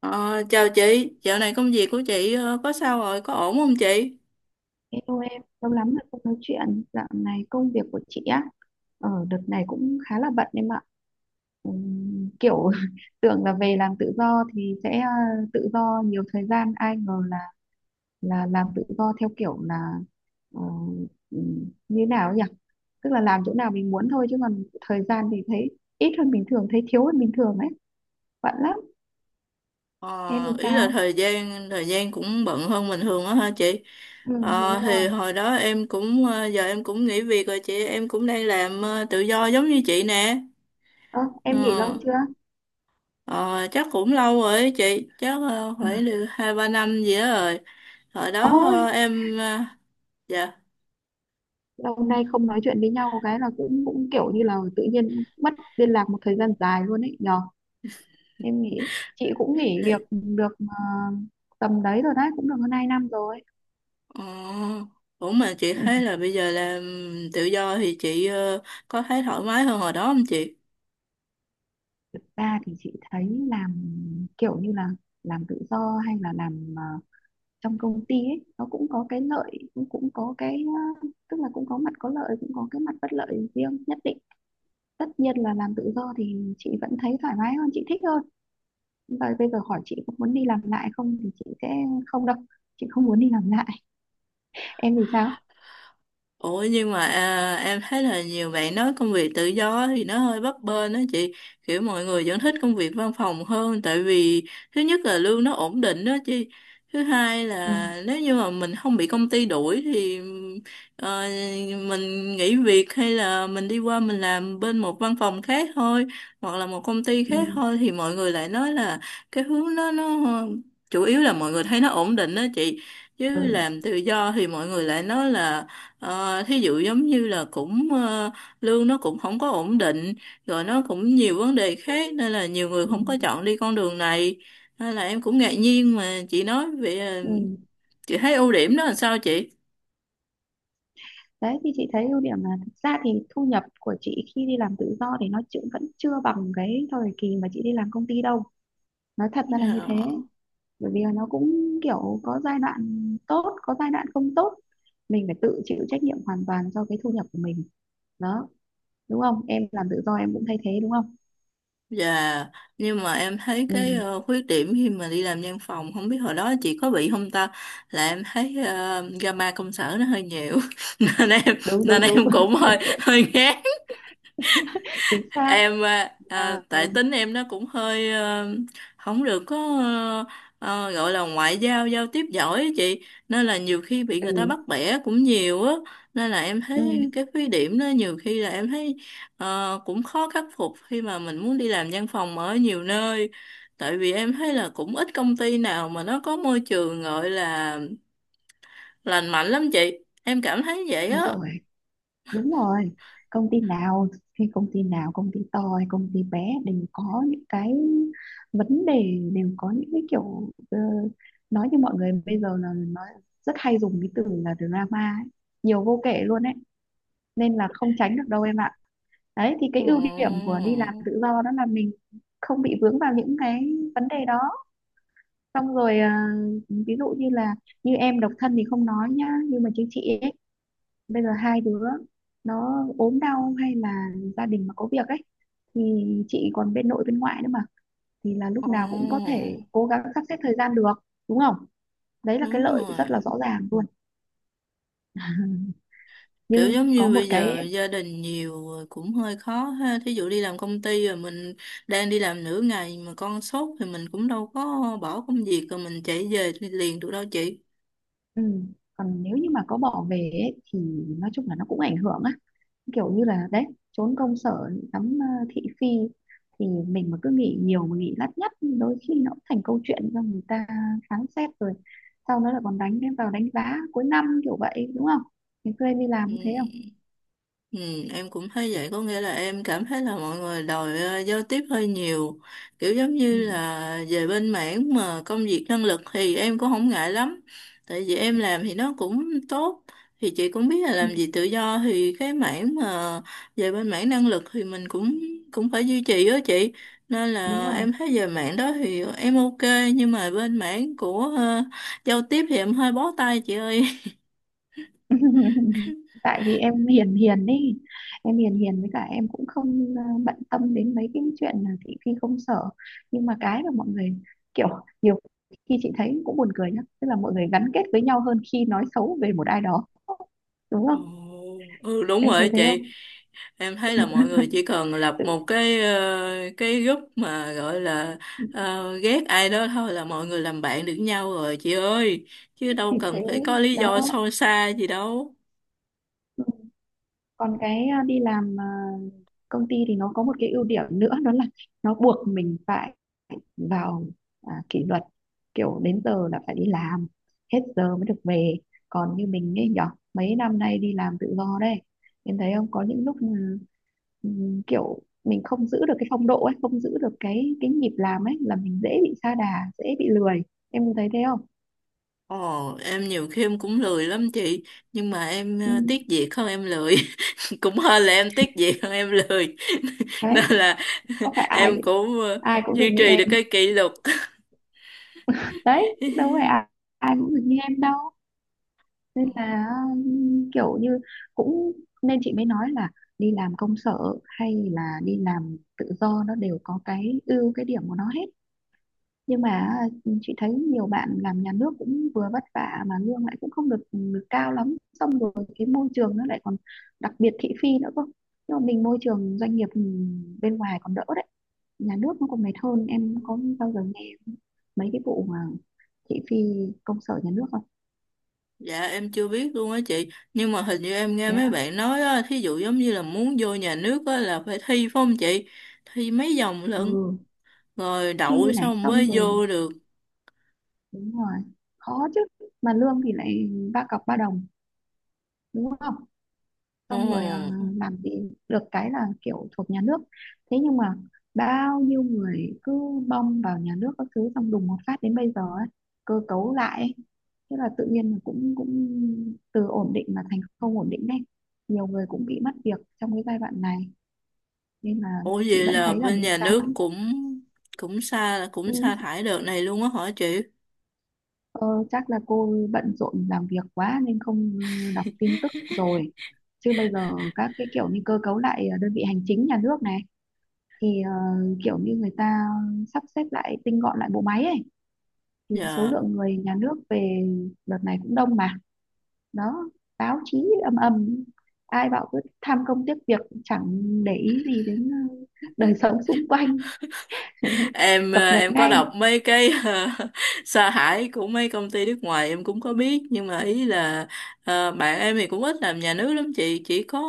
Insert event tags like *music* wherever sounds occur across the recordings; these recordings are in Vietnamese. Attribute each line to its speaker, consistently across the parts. Speaker 1: Ờ, Chào chị, dạo này công việc của chị có sao rồi, có ổn không chị?
Speaker 2: Hello em, lâu lắm rồi không nói chuyện. Dạo này công việc của chị á, ở đợt này cũng khá là bận em ạ. Kiểu *laughs* tưởng là về làm tự do thì sẽ tự do nhiều thời gian, ai ngờ là làm tự do theo kiểu là ờ, như nào ấy nhỉ? Tức là làm chỗ nào mình muốn thôi chứ còn thời gian thì thấy ít hơn bình thường, thấy thiếu hơn bình thường ấy. Bận lắm. Em
Speaker 1: Ờ,
Speaker 2: thì
Speaker 1: Ý là
Speaker 2: sao?
Speaker 1: thời gian cũng bận hơn bình thường á hả chị?
Speaker 2: Ừ, đúng
Speaker 1: Thì
Speaker 2: rồi.
Speaker 1: hồi đó em cũng giờ em cũng nghỉ việc rồi chị, em cũng đang làm tự do giống như chị nè.
Speaker 2: Ơ, em nghỉ lâu
Speaker 1: Ờ,
Speaker 2: chưa?
Speaker 1: ờ, Chắc cũng lâu rồi ấy chị, chắc phải
Speaker 2: *laughs*
Speaker 1: được hai ba năm gì đó rồi. Hồi đó
Speaker 2: Ôi,
Speaker 1: dạ
Speaker 2: lâu nay không nói chuyện với nhau cái là cũng cũng kiểu như là tự nhiên mất liên lạc một thời gian dài luôn ấy nhờ, em nghĩ chị cũng nghỉ việc
Speaker 1: thế-
Speaker 2: được tầm đấy rồi, đấy cũng được hơn 2 năm rồi.
Speaker 1: ờ, ủa mà chị
Speaker 2: *laughs*
Speaker 1: thấy
Speaker 2: Ừ.
Speaker 1: là bây giờ làm tự do thì chị có thấy thoải mái hơn hồi đó không chị?
Speaker 2: Thực ra thì chị thấy làm kiểu như là làm tự do hay là làm trong công ty ấy, nó cũng có cái lợi cũng cũng có cái tức là cũng có mặt có lợi cũng có cái mặt bất lợi riêng nhất định. Tất nhiên là làm tự do thì chị vẫn thấy thoải mái hơn, chị thích hơn. Và bây giờ hỏi chị có muốn đi làm lại không thì chị sẽ không đâu, chị không muốn đi làm lại. *laughs* Em thì sao?
Speaker 1: Ủa nhưng mà à, em thấy là nhiều bạn nói công việc tự do thì nó hơi bấp bênh đó chị, kiểu mọi người vẫn thích công việc văn phòng hơn. Tại vì thứ nhất là lương nó ổn định đó chị, thứ hai
Speaker 2: Ừ.
Speaker 1: là nếu như mà mình không bị công ty đuổi thì ờ, mình nghỉ việc hay là mình đi qua mình làm bên một văn phòng khác thôi, hoặc là một công ty
Speaker 2: Ừ.
Speaker 1: khác thôi, thì mọi người lại nói là cái hướng đó nó chủ yếu là mọi người thấy nó ổn định đó chị.
Speaker 2: Ừ.
Speaker 1: Chứ làm tự do thì mọi người lại nói là thí dụ giống như là cũng lương nó cũng không có ổn định, rồi nó cũng nhiều vấn đề khác, nên là nhiều người
Speaker 2: Ừ.
Speaker 1: không có chọn đi con đường này. Nên là em cũng ngạc nhiên mà chị nói vậy. Ờ,
Speaker 2: Ừ.
Speaker 1: chị thấy ưu điểm đó là sao chị?
Speaker 2: Đấy thì chị thấy ưu điểm là thực ra thì thu nhập của chị khi đi làm tự do thì nó chưa, vẫn chưa bằng cái thời kỳ mà chị đi làm công ty đâu, nói thật ra là như thế.
Speaker 1: Ờ,
Speaker 2: Bởi vì là nó cũng kiểu có giai đoạn tốt có giai đoạn không tốt, mình phải tự chịu trách nhiệm hoàn toàn cho cái thu nhập của mình đó, đúng không? Em làm tự do em cũng thay thế đúng không?
Speaker 1: dạ, nhưng mà em thấy
Speaker 2: Ừ.
Speaker 1: cái khuyết điểm khi mà đi làm văn phòng, không biết hồi đó chị có bị không ta, là em thấy drama công sở nó hơi nhiều *laughs* nên em,
Speaker 2: Đúng
Speaker 1: nên
Speaker 2: đúng đúng.
Speaker 1: em cũng hơi hơi ghét.
Speaker 2: *laughs* Chính xác.
Speaker 1: Em
Speaker 2: À,
Speaker 1: tại tính em nó cũng hơi không được có ờ, gọi là ngoại giao giao tiếp giỏi á chị, nên là nhiều khi bị người ta
Speaker 2: ừ,
Speaker 1: bắt bẻ cũng nhiều á. Nên là em thấy
Speaker 2: ừ,
Speaker 1: cái khuyết điểm đó nhiều khi là em thấy cũng khó khắc phục khi mà mình muốn đi làm văn phòng ở nhiều nơi. Tại vì em thấy là cũng ít công ty nào mà nó có môi trường gọi là lành mạnh lắm chị, em cảm thấy vậy
Speaker 2: đúng
Speaker 1: á.
Speaker 2: rồi, đúng rồi. Công ty nào thì công ty nào, công ty to hay công ty bé đều có những cái vấn đề, đều có những cái kiểu nói như mọi người bây giờ là nói rất hay dùng cái từ là drama ấy. Nhiều vô kể luôn ấy, nên là không tránh được đâu em ạ. Đấy thì cái ưu điểm
Speaker 1: Ồ,
Speaker 2: của đi làm tự do đó là mình không bị vướng vào những cái vấn đề đó. Xong rồi à, ví dụ như là như em độc thân thì không nói nhá, nhưng mà chứ chị ấy, bây giờ hai đứa nó ốm đau hay là gia đình mà có việc ấy, thì chị còn bên nội bên ngoại nữa mà, thì là lúc
Speaker 1: ồ,
Speaker 2: nào cũng có thể cố gắng sắp xếp thời gian được, đúng không? Đấy là cái
Speaker 1: đúng
Speaker 2: lợi
Speaker 1: rồi,
Speaker 2: rất là rõ ràng luôn. *laughs*
Speaker 1: kiểu
Speaker 2: Nhưng
Speaker 1: giống
Speaker 2: có
Speaker 1: như
Speaker 2: một
Speaker 1: bây
Speaker 2: cái
Speaker 1: giờ
Speaker 2: ấy,
Speaker 1: gia đình nhiều rồi cũng hơi khó ha, thí dụ đi làm công ty rồi mình đang đi làm nửa ngày mà con sốt thì mình cũng đâu có bỏ công việc rồi mình chạy về liền được đâu chị.
Speaker 2: ừ, còn nếu như mà có bỏ về ấy, thì nói chung là nó cũng ảnh hưởng á, kiểu như là đấy, trốn công sở ngắm thị phi thì mình mà cứ nghĩ nhiều mà nghĩ lắt nhắt, đôi khi nó cũng thành câu chuyện cho người ta phán xét, rồi sau đó là còn đánh em vào đánh giá cuối năm kiểu vậy, đúng không? Ngày xưa em đi làm
Speaker 1: Ừ.
Speaker 2: có thế không?
Speaker 1: Ừ, em cũng thấy vậy, có nghĩa là em cảm thấy là mọi người đòi giao tiếp hơi nhiều. Kiểu giống
Speaker 2: Ừ.
Speaker 1: như là về bên mảng mà công việc năng lực thì em cũng không ngại lắm, tại vì em làm thì nó cũng tốt. Thì chị cũng biết là
Speaker 2: Ừ,
Speaker 1: làm gì tự do thì cái mảng mà về bên mảng năng lực thì mình cũng cũng phải duy trì đó chị. Nên
Speaker 2: đúng
Speaker 1: là
Speaker 2: rồi.
Speaker 1: em thấy về mảng đó thì em ok, nhưng mà bên mảng của giao tiếp thì em hơi bó tay chị ơi.
Speaker 2: *laughs* Tại vì em hiền hiền đi, em hiền hiền với cả em cũng không bận tâm đến mấy cái chuyện là thị phi công sở. Nhưng mà cái mà mọi người kiểu, nhiều khi chị thấy cũng buồn cười nhá, tức là mọi người gắn kết với nhau hơn khi nói xấu về một ai đó, đúng
Speaker 1: Ồ,
Speaker 2: không?
Speaker 1: ừ đúng
Speaker 2: Em
Speaker 1: rồi
Speaker 2: thấy thế
Speaker 1: chị,
Speaker 2: không?
Speaker 1: em thấy là mọi người chỉ cần lập
Speaker 2: Tự-
Speaker 1: một cái cái group mà gọi là ờ, ghét ai đó thôi là mọi người làm bạn được nhau rồi chị ơi, chứ đâu
Speaker 2: thì thế
Speaker 1: cần phải có lý
Speaker 2: đó.
Speaker 1: do sâu xa gì đâu.
Speaker 2: Còn cái à, đi làm à, công ty thì nó có một cái ưu điểm nữa đó là nó buộc mình phải vào à, kỷ luật, kiểu đến giờ là phải đi làm, hết giờ mới được về. Còn như mình ấy nhở, mấy năm nay đi làm tự do đây, em thấy không, có những lúc ừ, ừ, kiểu mình không giữ được cái phong độ ấy, không giữ được cái nhịp làm ấy là mình dễ bị sa đà, dễ bị lười. Em có thấy thế không?
Speaker 1: Ồ em nhiều khi em cũng lười lắm chị, nhưng mà em
Speaker 2: Ừ.
Speaker 1: tiếc việc hơn em lười *laughs* cũng hơn là em tiếc việc hơn em lười. *laughs*
Speaker 2: Đấy,
Speaker 1: Nên là
Speaker 2: có phải
Speaker 1: *laughs*
Speaker 2: ai
Speaker 1: em cũng
Speaker 2: ai cũng được
Speaker 1: duy
Speaker 2: như
Speaker 1: trì được
Speaker 2: em,
Speaker 1: cái kỷ luật.
Speaker 2: đấy đâu phải
Speaker 1: *laughs*
Speaker 2: ai cũng được như em đâu. Nên là kiểu như cũng, nên chị mới nói là đi làm công sở hay là đi làm tự do nó đều có cái ưu cái điểm của nó hết. Nhưng mà chị thấy nhiều bạn làm nhà nước cũng vừa vất vả mà lương lại cũng không được cao lắm, xong rồi cái môi trường nó lại còn đặc biệt thị phi nữa cơ. Nhưng mà mình môi trường doanh nghiệp bên ngoài còn đỡ đấy, nhà nước nó còn mệt hơn. Em có bao giờ nghe mấy cái vụ mà thị phi công sở nhà nước không?
Speaker 1: Dạ em chưa biết luôn á chị. Nhưng mà hình như em nghe
Speaker 2: Thế á.
Speaker 1: mấy bạn nói á, thí dụ giống như là muốn vô nhà nước á là phải thi phải không chị? Thi mấy vòng
Speaker 2: Ừ.
Speaker 1: lận, rồi đậu
Speaker 2: Thi này
Speaker 1: xong
Speaker 2: xong
Speaker 1: mới
Speaker 2: rồi,
Speaker 1: vô được.
Speaker 2: đúng rồi, khó chứ. Mà lương thì lại ba cọc ba đồng, đúng không? Xong rồi
Speaker 1: Ồ,
Speaker 2: làm gì được cái là kiểu thuộc nhà nước. Thế nhưng mà bao nhiêu người cứ bom vào nhà nước các thứ, xong đùng một phát đến bây giờ ấy, cơ cấu lại ấy. Thế là tự nhiên là cũng cũng từ ổn định mà thành không ổn định đấy, nhiều người cũng bị mất việc trong cái giai đoạn này, nên là
Speaker 1: ủa
Speaker 2: chị
Speaker 1: vậy
Speaker 2: vẫn
Speaker 1: là
Speaker 2: thấy là
Speaker 1: bên
Speaker 2: mình
Speaker 1: nhà nước
Speaker 2: sáng.
Speaker 1: cũng Cũng xa cũng sa
Speaker 2: Ừ,
Speaker 1: thải đợt này luôn á hả chị?
Speaker 2: ờ, chắc là cô bận rộn làm việc quá nên không đọc tin tức rồi. Chứ bây giờ các cái kiểu như cơ cấu lại đơn vị hành chính nhà nước này thì kiểu như người ta sắp xếp lại, tinh gọn lại bộ máy ấy, thì số
Speaker 1: Dạ
Speaker 2: lượng người nhà nước về đợt này cũng đông mà. Đó, báo chí ầm ầm, ai bảo cứ tham công tiếc việc chẳng để ý gì đến đời *laughs* sống xung quanh. *laughs*
Speaker 1: em
Speaker 2: Cập nhật
Speaker 1: em có
Speaker 2: ngay.
Speaker 1: đọc mấy cái *laughs* sa thải của mấy công ty nước ngoài em cũng có biết, nhưng mà ý là bạn em thì cũng ít làm nhà nước lắm chị, chỉ có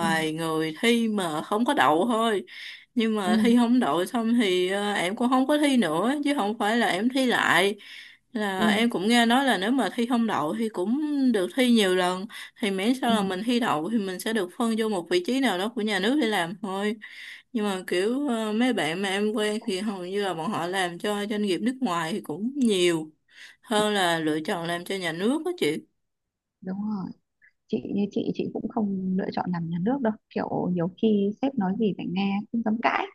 Speaker 2: Ừ,
Speaker 1: người thi mà không có đậu thôi. Nhưng
Speaker 2: ừ,
Speaker 1: mà thi không đậu xong thì em cũng không có thi nữa, chứ không phải là em thi lại. Là
Speaker 2: ừ,
Speaker 1: em cũng nghe nói là nếu mà thi không đậu thì cũng được thi nhiều lần, thì miễn sao
Speaker 2: ừ,
Speaker 1: là mình thi đậu thì mình sẽ được phân vô một vị trí nào đó của nhà nước để làm thôi. Nhưng mà kiểu mấy bạn mà em quen thì hầu như là bọn họ làm cho doanh nghiệp nước ngoài thì cũng nhiều
Speaker 2: ừ,
Speaker 1: hơn là lựa chọn làm cho nhà nước đó chị.
Speaker 2: đúng rồi. Chị như chị cũng không lựa chọn làm nhà nước đâu, kiểu nhiều khi sếp nói gì phải nghe không dám cãi.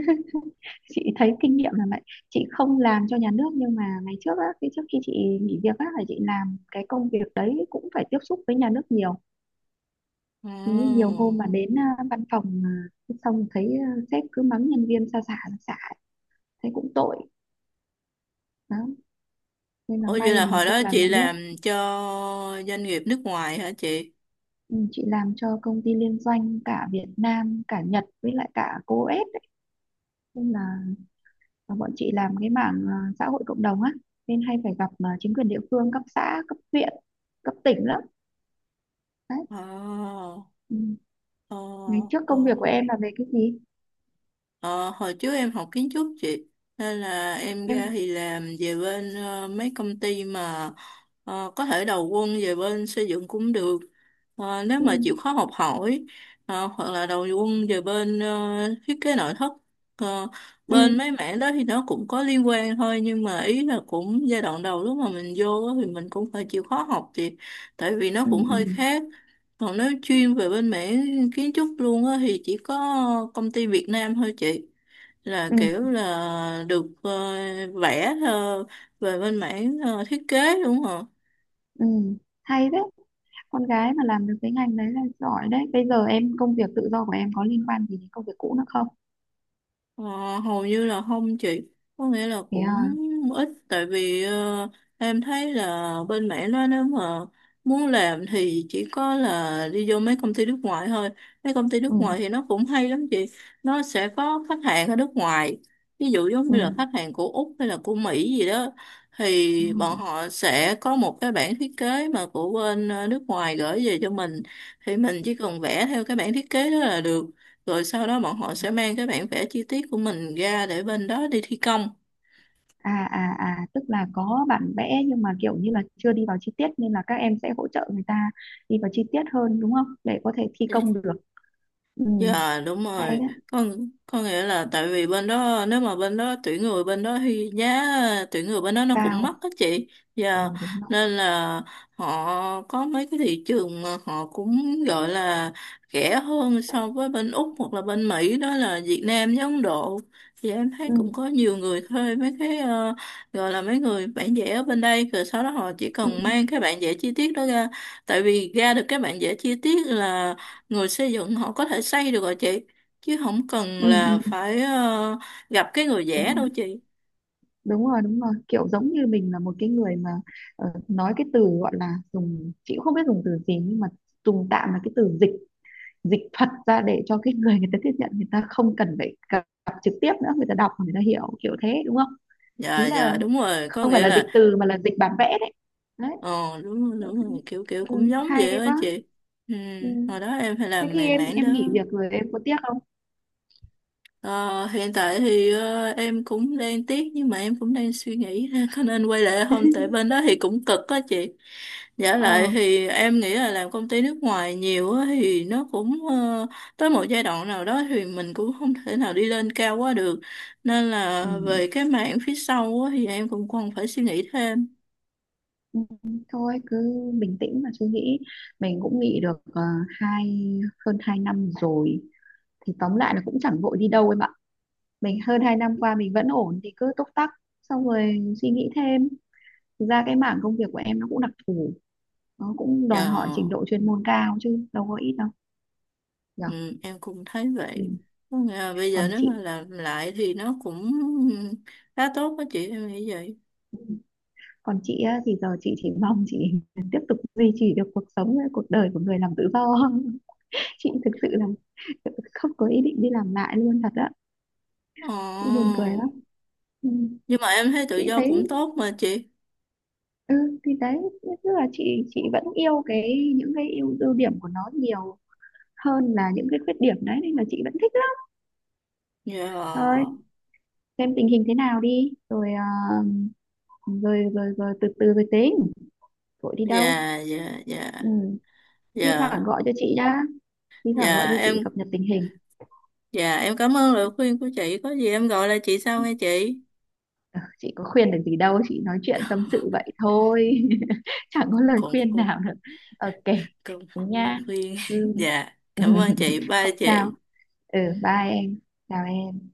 Speaker 2: *laughs* Chị thấy kinh nghiệm là vậy. Chị không làm cho nhà nước nhưng mà ngày trước á, cái trước khi chị nghỉ việc á là chị làm cái công việc đấy cũng phải tiếp xúc với nhà nước nhiều. Thế nhiều
Speaker 1: Ồ,
Speaker 2: hôm mà đến à, văn phòng à, xong thấy à, sếp cứ mắng nhân viên xa xả xa xả, thấy cũng tội đó, nên là
Speaker 1: ủa vậy
Speaker 2: may
Speaker 1: là
Speaker 2: mình
Speaker 1: hồi đó
Speaker 2: không làm
Speaker 1: chị
Speaker 2: nhà nước.
Speaker 1: làm cho doanh nghiệp nước ngoài hả chị?
Speaker 2: Ừ, chị làm cho công ty liên doanh cả Việt Nam cả Nhật với lại cả cô ép ấy, nên là và bọn chị làm cái mảng à, xã hội cộng đồng á, nên hay phải gặp à, chính quyền địa phương cấp xã cấp huyện cấp tỉnh lắm đấy.
Speaker 1: Ồ,
Speaker 2: Ừ.
Speaker 1: ồ,
Speaker 2: Ngày trước
Speaker 1: ồ.
Speaker 2: công việc của em là về cái gì?
Speaker 1: Ờ, Hồi trước em học kiến trúc chị, nên là em ra
Speaker 2: Em,
Speaker 1: thì làm về bên mấy công ty mà có thể đầu quân về bên xây dựng cũng được. Nếu
Speaker 2: ừ.
Speaker 1: mà chịu khó học hỏi, hoặc là đầu quân về bên thiết kế nội thất. Ờ,
Speaker 2: Ừ.
Speaker 1: Bên mấy mảng đó thì nó cũng có liên quan thôi, nhưng mà ý là cũng giai đoạn đầu lúc mà mình vô á thì mình cũng phải chịu khó học chị, tại vì nó
Speaker 2: Ừ.
Speaker 1: cũng
Speaker 2: Ừ.
Speaker 1: hơi khác. Còn nếu chuyên về bên mảng kiến trúc luôn á thì chỉ có công ty Việt Nam thôi chị, là
Speaker 2: Ừ.
Speaker 1: kiểu là được vẽ về bên mảng thiết kế đúng không?
Speaker 2: Ừ. Hay đấy, con gái mà làm được cái ngành đấy là giỏi đấy. Bây giờ em công việc tự do của em có liên quan gì đến công việc cũ nữa không?
Speaker 1: Ờ, Hầu như là không chị, có nghĩa là
Speaker 2: Thế
Speaker 1: cũng
Speaker 2: à.
Speaker 1: ít. Tại vì em thấy là bên mẹ nó nếu mà muốn làm thì chỉ có là đi vô mấy công ty nước ngoài thôi. Mấy công ty nước
Speaker 2: Ừ.
Speaker 1: ngoài thì nó cũng hay lắm chị, nó sẽ có khách hàng ở nước ngoài, ví dụ giống
Speaker 2: Ừ,
Speaker 1: như là khách hàng của Úc hay là của Mỹ gì đó.
Speaker 2: ừ.
Speaker 1: Thì bọn họ sẽ có một cái bản thiết kế mà của bên nước ngoài gửi về cho mình, thì mình chỉ cần vẽ theo cái bản thiết kế đó là được. Rồi sau đó bọn họ sẽ mang cái bản vẽ chi tiết của mình ra để bên đó đi thi công.
Speaker 2: À à à, tức là có bản vẽ nhưng mà kiểu như là chưa đi vào chi tiết nên là các em sẽ hỗ trợ người ta đi vào chi tiết hơn, đúng không? Để có thể thi công được. Ừ,
Speaker 1: Dạ đúng
Speaker 2: hay
Speaker 1: rồi,
Speaker 2: đấy,
Speaker 1: con có nghĩa là tại vì bên đó nếu mà bên đó tuyển người bên đó thì giá tuyển người bên đó nó cũng
Speaker 2: cao.
Speaker 1: mắc á chị.
Speaker 2: Ừ,
Speaker 1: Dạ,
Speaker 2: đúng rồi.
Speaker 1: nên là họ có mấy cái thị trường mà họ cũng gọi là rẻ hơn so với bên Úc hoặc là bên Mỹ, đó là Việt Nam với Ấn Độ. Thì em thấy
Speaker 2: Ừ,
Speaker 1: cũng có nhiều người thuê mấy cái gọi là mấy người bản vẽ ở bên đây, rồi sau đó họ chỉ
Speaker 2: ừ,
Speaker 1: cần
Speaker 2: ừ,
Speaker 1: mang cái bản vẽ chi tiết đó ra. Tại vì ra được cái bản vẽ chi tiết là người xây dựng họ có thể xây được rồi chị, chứ không cần
Speaker 2: ừ,
Speaker 1: là
Speaker 2: ừ,
Speaker 1: phải gặp cái người
Speaker 2: đúng
Speaker 1: vẽ đâu
Speaker 2: rồi.
Speaker 1: chị.
Speaker 2: Đúng rồi, đúng rồi. Kiểu giống như mình là một cái người mà nói cái từ gọi là dùng chị cũng không biết dùng từ gì, nhưng mà dùng tạm là cái từ dịch dịch thuật ra để cho cái người người ta tiếp nhận, người ta không cần phải gặp trực tiếp nữa, người ta đọc người ta hiểu kiểu thế, đúng không?
Speaker 1: Dạ
Speaker 2: Ý
Speaker 1: dạ
Speaker 2: là
Speaker 1: đúng rồi, có
Speaker 2: không phải
Speaker 1: nghĩa
Speaker 2: là dịch
Speaker 1: là
Speaker 2: từ mà là dịch bản vẽ đấy. Đấy,
Speaker 1: ờ đúng rồi, đúng rồi, kiểu kiểu
Speaker 2: ừ,
Speaker 1: cũng giống vậy
Speaker 2: hay
Speaker 1: đó
Speaker 2: quá.
Speaker 1: chị. Ừ,
Speaker 2: Ừ.
Speaker 1: hồi đó em phải
Speaker 2: Thế
Speaker 1: làm
Speaker 2: khi
Speaker 1: mày
Speaker 2: em
Speaker 1: mảng đó.
Speaker 2: em nghỉ việc rồi em có tiếc không?
Speaker 1: Ờ, Hiện tại thì em cũng đang tiếc, nhưng mà em cũng đang suy nghĩ ha, có nên quay lại không, tại bên đó thì cũng cực á chị. Giả
Speaker 2: Ờ,
Speaker 1: lại thì em nghĩ là làm công ty nước ngoài nhiều á, thì nó cũng tới một giai đoạn nào đó thì mình cũng không thể nào đi lên cao quá được. Nên là
Speaker 2: ừ.
Speaker 1: về cái mảng phía sau á, thì em cũng còn phải suy nghĩ thêm.
Speaker 2: Ừ, thôi cứ bình tĩnh mà suy nghĩ, mình cũng nghỉ được hai hơn hai năm rồi thì tóm lại là cũng chẳng vội đi đâu em ạ. Mình hơn 2 năm qua mình vẫn ổn thì cứ túc tắc, xong rồi suy nghĩ thêm. Thực ra cái mảng công việc của em nó cũng đặc thù, nó cũng đòi
Speaker 1: Dạ,
Speaker 2: hỏi trình độ chuyên môn cao chứ đâu có ít đâu nhở.
Speaker 1: ừ, em cũng thấy
Speaker 2: Ừ.
Speaker 1: vậy. Có nghĩa là bây giờ
Speaker 2: Còn
Speaker 1: nếu mà
Speaker 2: chị,
Speaker 1: làm lại thì nó cũng khá tốt á chị, em nghĩ vậy.
Speaker 2: còn chị á, thì giờ chị chỉ mong chị *laughs* tiếp tục duy trì được cuộc sống cuộc đời của người làm tự do. *laughs* Chị thực sự là *laughs* không có ý định đi làm lại luôn thật á,
Speaker 1: Ồ
Speaker 2: cũng buồn cười lắm. Ừ.
Speaker 1: nhưng mà em thấy tự
Speaker 2: Chị
Speaker 1: do
Speaker 2: thấy
Speaker 1: cũng tốt mà chị.
Speaker 2: ừ, thì đấy tức là chị vẫn yêu cái những cái ưu ưu điểm của nó nhiều hơn là những cái khuyết điểm đấy, nên là chị vẫn thích lắm. Thôi,
Speaker 1: Dạ,
Speaker 2: xem tình hình thế nào đi rồi à, rồi rồi rồi từ từ rồi tính, vội đi đâu.
Speaker 1: dạ, dạ, dạ,
Speaker 2: Ừ. Thi thoảng
Speaker 1: dạ,
Speaker 2: gọi cho chị đã, thi thoảng gọi
Speaker 1: dạ
Speaker 2: cho chị
Speaker 1: em,
Speaker 2: cập nhật tình hình.
Speaker 1: dạ em cảm ơn lời khuyên của chị, có gì em gọi lại chị sau nghe chị.
Speaker 2: Ờ, chị có khuyên được gì đâu, chị nói chuyện tâm sự vậy thôi. *laughs* Chẳng có lời
Speaker 1: cũng
Speaker 2: khuyên
Speaker 1: cũng
Speaker 2: nào được. OK.
Speaker 1: cũng
Speaker 2: Thế
Speaker 1: cũng là
Speaker 2: nha,
Speaker 1: khuyên. *laughs*
Speaker 2: cứ
Speaker 1: Dạ cảm ơn chị,
Speaker 2: *laughs*
Speaker 1: bye
Speaker 2: không sao.
Speaker 1: chị.
Speaker 2: Ừ, bye em. Chào em.